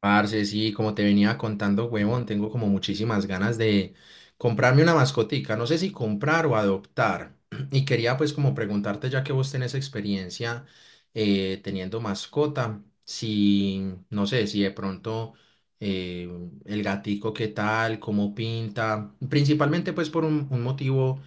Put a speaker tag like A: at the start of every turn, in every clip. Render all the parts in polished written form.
A: Parce, sí, como te venía contando, huevón, tengo como muchísimas ganas de comprarme una mascotica, no sé si comprar o adoptar. Y quería pues como preguntarte, ya que vos tenés experiencia teniendo mascota, si, no sé, si de pronto eh, el gatico qué tal, cómo pinta, principalmente pues por un motivo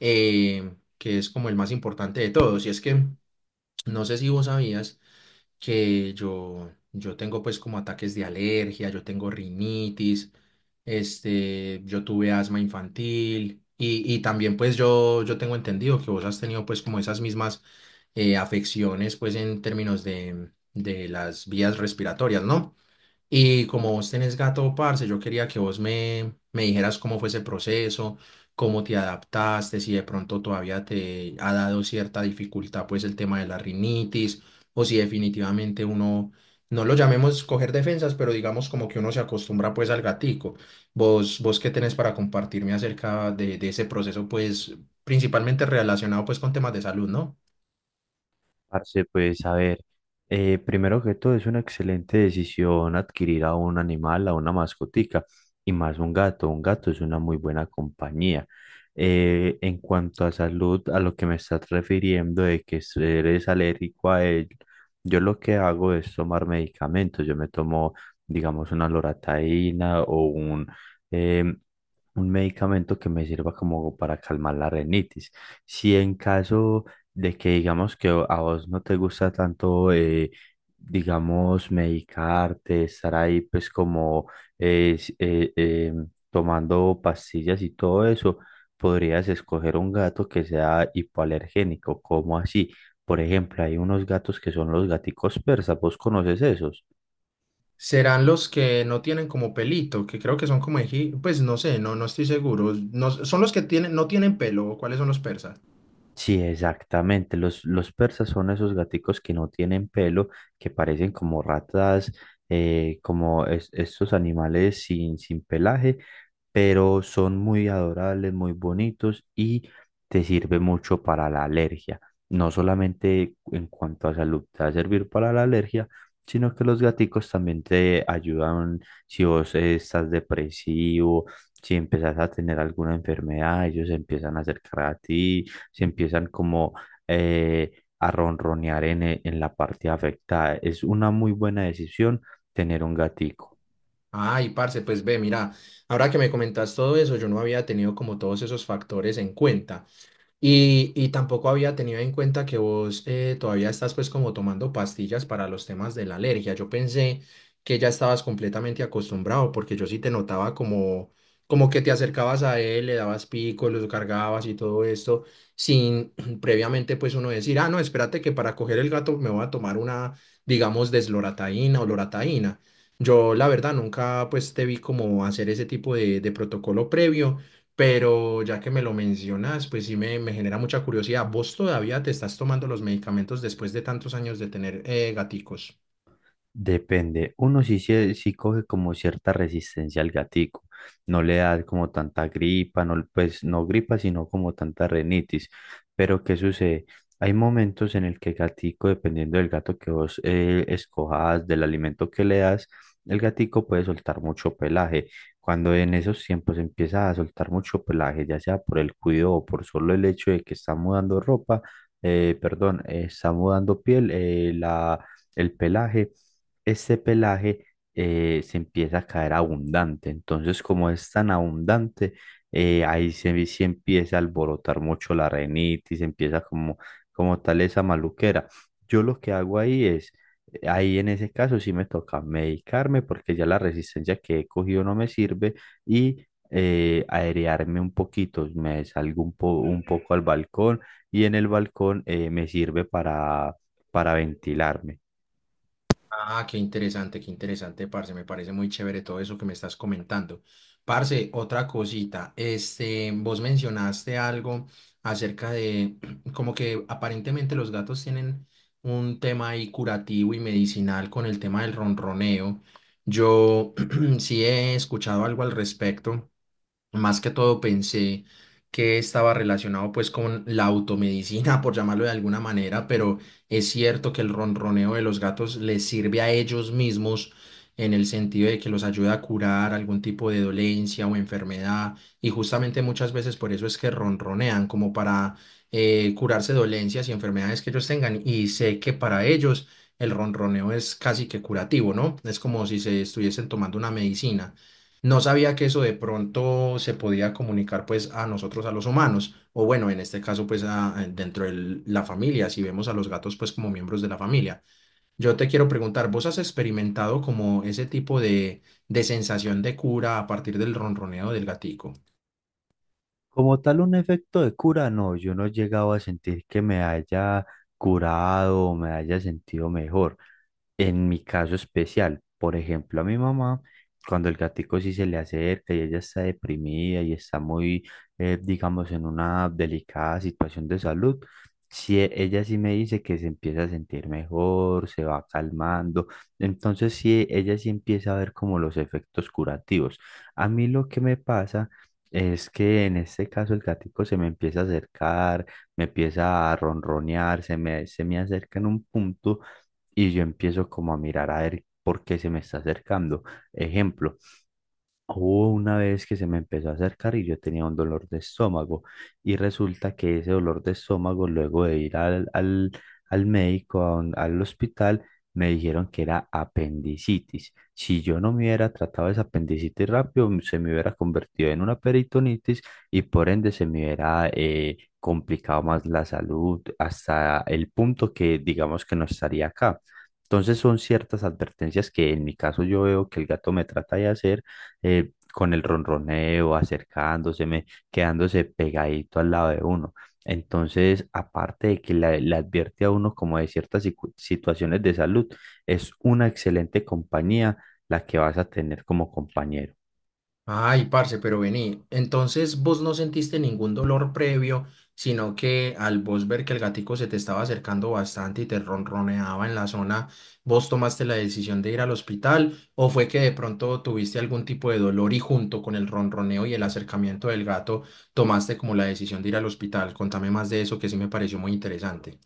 A: que es como el más importante de todos, y es que no sé si vos sabías que yo tengo pues como ataques de alergia, yo tengo rinitis, este, yo tuve asma infantil y también pues yo tengo entendido que vos has tenido pues como esas mismas afecciones pues en términos de las vías respiratorias, ¿no? Y como vos tenés gato, parce, yo quería que vos me dijeras cómo fue ese proceso, cómo te adaptaste, si de pronto todavía te ha dado cierta dificultad, pues el tema de la rinitis, o si definitivamente uno, no lo llamemos coger defensas, pero digamos como que uno se acostumbra pues al gatico. Vos qué tenés para compartirme acerca de ese proceso, pues principalmente relacionado pues con temas de salud, ¿no?
B: Parce, pues a ver, primero que todo es una excelente decisión adquirir a un animal, a una mascotica y más un gato. Un gato es una muy buena compañía. En cuanto a salud, a lo que me estás refiriendo de que eres alérgico a él, yo lo que hago es tomar medicamentos. Yo me tomo, digamos, una loratadina o em, un medicamento que me sirva como para calmar la rinitis. Si en caso de que digamos que a vos no te gusta tanto, digamos, medicarte, estar ahí pues como eh, s- eh, eh, tomando pastillas y todo eso, podrías escoger un gato que sea hipoalergénico, como así. Por ejemplo, hay unos gatos que son los gaticos persas, ¿vos conoces esos?
A: Serán los que no tienen como pelito, que creo que son como pues no sé, no, no estoy seguro. No, son los que tienen, no tienen pelo, ¿o cuáles son los persas?
B: Sí, exactamente. Los persas son esos gaticos que no tienen pelo, que parecen como ratas, como estos animales sin pelaje, pero son muy adorables, muy bonitos y te sirve mucho para la alergia. No solamente en cuanto a salud te va a servir para la alergia, sino que los gaticos también te ayudan si vos estás depresivo, si empezás a tener alguna enfermedad, ellos se empiezan a acercar a ti, se empiezan como a ronronear en en la parte afectada. Es una muy buena decisión tener un gatico.
A: Ay, parce, pues ve, mira, ahora que me comentas todo eso, yo no había tenido como todos esos factores en cuenta. Y tampoco había tenido en cuenta que vos todavía estás pues como tomando pastillas para los temas de la alergia. Yo pensé que ya estabas completamente acostumbrado porque yo sí te notaba como, como que te acercabas a él, le dabas picos, los cargabas y todo esto sin previamente pues uno decir, ah, no, espérate que para coger el gato me voy a tomar una, digamos, deslorataína o lorataína. Yo la verdad nunca pues te vi como hacer ese tipo de protocolo previo. Pero ya que me lo mencionas, pues sí me genera mucha curiosidad. ¿Vos todavía te estás tomando los medicamentos después de tantos años de tener gaticos?
B: Depende. Uno sí coge como cierta resistencia al gatico. No le da como tanta gripa, no, pues no gripa, sino como tanta renitis. Pero ¿qué sucede? Hay momentos en el que el gatico, dependiendo del gato que vos escojas, del alimento que le das, el gatico puede soltar mucho pelaje. Cuando en esos tiempos empieza a soltar mucho pelaje, ya sea por el cuidado o por solo el hecho de que está mudando ropa, perdón, está mudando piel, el pelaje este pelaje se empieza a caer abundante. Entonces, como es tan abundante, ahí se empieza a alborotar mucho la renitis, empieza como, como tal esa maluquera. Yo lo que hago ahí en ese caso sí me toca medicarme porque ya la resistencia que he cogido no me sirve y aerearme un poquito, me salgo un poco al balcón y en el balcón me sirve para ventilarme.
A: Ah, qué interesante, parce. Me parece muy chévere todo eso que me estás comentando. Parce, otra cosita. Este, vos mencionaste algo acerca de como que aparentemente los gatos tienen un tema ahí curativo y medicinal con el tema del ronroneo. Yo sí he escuchado algo al respecto. Más que todo pensé que estaba relacionado pues con la automedicina, por llamarlo de alguna manera, pero es cierto que el ronroneo de los gatos les sirve a ellos mismos en el sentido de que los ayuda a curar algún tipo de dolencia o enfermedad y justamente muchas veces por eso es que ronronean como para curarse dolencias y enfermedades que ellos tengan y sé que para ellos el ronroneo es casi que curativo, ¿no? Es como si se estuviesen tomando una medicina. No sabía que eso de pronto se podía comunicar pues a nosotros, a los humanos, o bueno, en este caso pues dentro de la familia, si vemos a los gatos pues como miembros de la familia. Yo te quiero preguntar, ¿vos has experimentado como ese tipo de sensación de cura a partir del ronroneo del gatico?
B: Como tal, un efecto de cura, no, yo no he llegado a sentir que me haya curado o me haya sentido mejor. En mi caso especial, por ejemplo, a mi mamá, cuando el gatico sí se le acerca y ella está deprimida y está muy, digamos, en una delicada situación de salud, sí, ella sí me dice que se empieza a sentir mejor, se va calmando, entonces sí, ella sí empieza a ver como los efectos curativos. A mí lo que me pasa es que en este caso el gatico se me empieza a acercar, me empieza a ronronear, se me acerca en un punto y yo empiezo como a mirar a ver por qué se me está acercando. Ejemplo. Hubo una vez que se me empezó a acercar y yo tenía un dolor de estómago y resulta que ese dolor de estómago luego de ir al médico, al hospital, me dijeron que era apendicitis. Si yo no me hubiera tratado esa apendicitis rápido, se me hubiera convertido en una peritonitis y por ende se me hubiera complicado más la salud hasta el punto que digamos que no estaría acá. Entonces son ciertas advertencias que en mi caso yo veo que el gato me trata de hacer con el ronroneo, acercándoseme, quedándose pegadito al lado de uno. Entonces, aparte de que le advierte a uno como de ciertas situaciones de salud, es una excelente compañía la que vas a tener como compañero.
A: Ay, parce, pero vení. Entonces vos no sentiste ningún dolor previo, sino que al vos ver que el gatico se te estaba acercando bastante y te ronroneaba en la zona, ¿vos tomaste la decisión de ir al hospital o fue que de pronto tuviste algún tipo de dolor y junto con el ronroneo y el acercamiento del gato tomaste como la decisión de ir al hospital? Contame más de eso que sí me pareció muy interesante.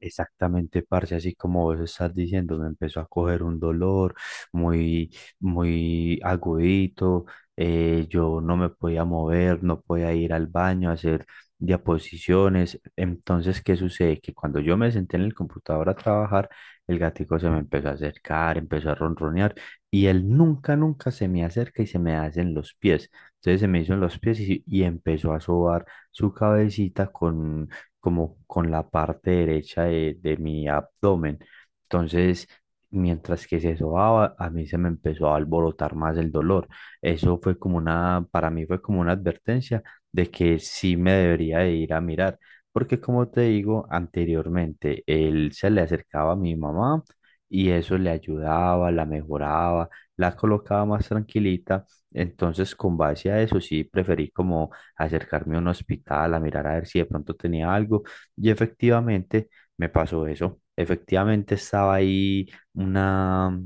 B: Exactamente, parce, así como vos estás diciendo, me empezó a coger un dolor muy, muy agudito, yo no me podía mover, no podía ir al baño a hacer diaposiciones. Entonces, ¿qué sucede? Que cuando yo me senté en el computador a trabajar, el gatico se me empezó a acercar, empezó a ronronear y él nunca, nunca se me acerca y se me hace en los pies. Entonces se me hizo en los pies y empezó a sobar su cabecita con como con la parte derecha de mi abdomen. Entonces, mientras que se sobaba, a mí se me empezó a alborotar más el dolor. Eso fue como una, para mí fue como una advertencia de que sí me debería de ir a mirar, porque como te digo anteriormente, él se le acercaba a mi mamá y eso le ayudaba, la mejoraba, la colocaba más tranquilita. Entonces, con base a eso, sí preferí como acercarme a un hospital, a mirar a ver si de pronto tenía algo. Y efectivamente me pasó eso. Efectivamente estaba ahí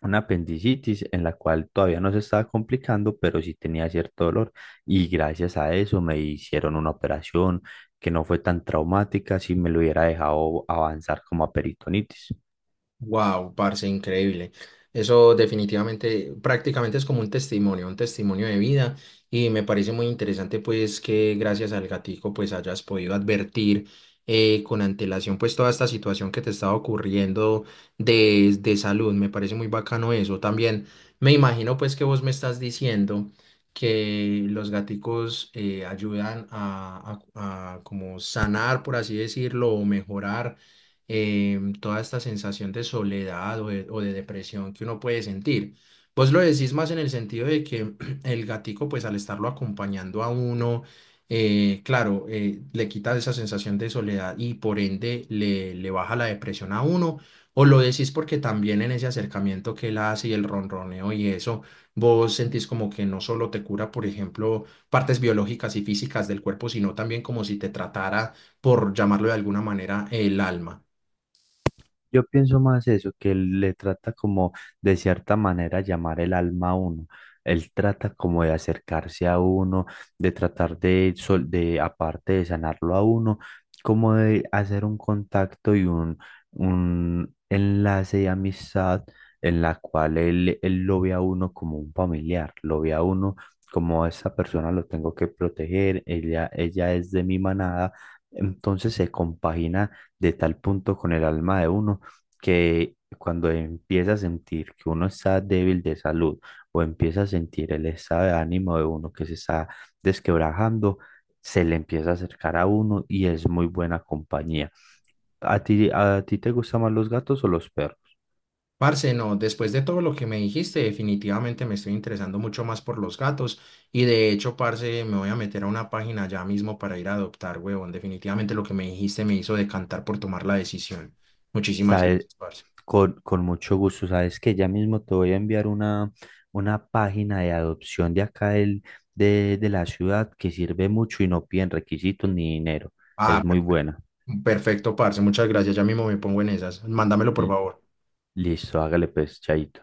B: una apendicitis en la cual todavía no se estaba complicando, pero sí tenía cierto dolor. Y gracias a eso me hicieron una operación que no fue tan traumática si me lo hubiera dejado avanzar como a peritonitis.
A: Wow, parce, increíble. Eso definitivamente, prácticamente es como un testimonio de vida y me parece muy interesante pues que gracias al gatico pues hayas podido advertir con antelación pues toda esta situación que te estaba ocurriendo de salud. Me parece muy bacano eso. También me imagino pues que vos me estás diciendo que los gaticos ayudan a, a como sanar, por así decirlo, o mejorar toda esta sensación de soledad o de depresión que uno puede sentir. Vos lo decís más en el sentido de que el gatico, pues al estarlo acompañando a uno, claro, le quita esa sensación de soledad y por ende le baja la depresión a uno. O lo decís porque también en ese acercamiento que él hace y el ronroneo y eso, vos sentís como que no solo te cura, por ejemplo, partes biológicas y físicas del cuerpo, sino también como si te tratara, por llamarlo de alguna manera, el alma.
B: Yo pienso más eso, que él le trata como de cierta manera llamar el alma a uno. Él trata como de acercarse a uno, de tratar de, de aparte de sanarlo a uno, como de hacer un contacto y un enlace de amistad en la cual él, él lo ve a uno como un familiar, lo ve a uno como esa persona lo tengo que proteger, ella es de mi manada, entonces se compagina de tal punto con el alma de uno que cuando empieza a sentir que uno está débil de salud o empieza a sentir el estado de ánimo de uno que se está desquebrajando, se le empieza a acercar a uno y es muy buena compañía. A ti te gustan más los gatos o los perros?
A: Parce, no, después de todo lo que me dijiste, definitivamente me estoy interesando mucho más por los gatos y de hecho, parce, me voy a meter a una página ya mismo para ir a adoptar, huevón. Definitivamente lo que me dijiste me hizo decantar por tomar la decisión. Muchísimas
B: Sabes,
A: gracias, parce.
B: con mucho gusto, sabes que ya mismo te voy a enviar una página de adopción de acá de la ciudad que sirve mucho y no piden requisitos ni dinero.
A: Ah,
B: Es muy
A: per-
B: buena.
A: Perfecto, parce, muchas gracias. Ya mismo me pongo en esas. Mándamelo, por
B: L-
A: favor.
B: Listo, hágale pues, chaito.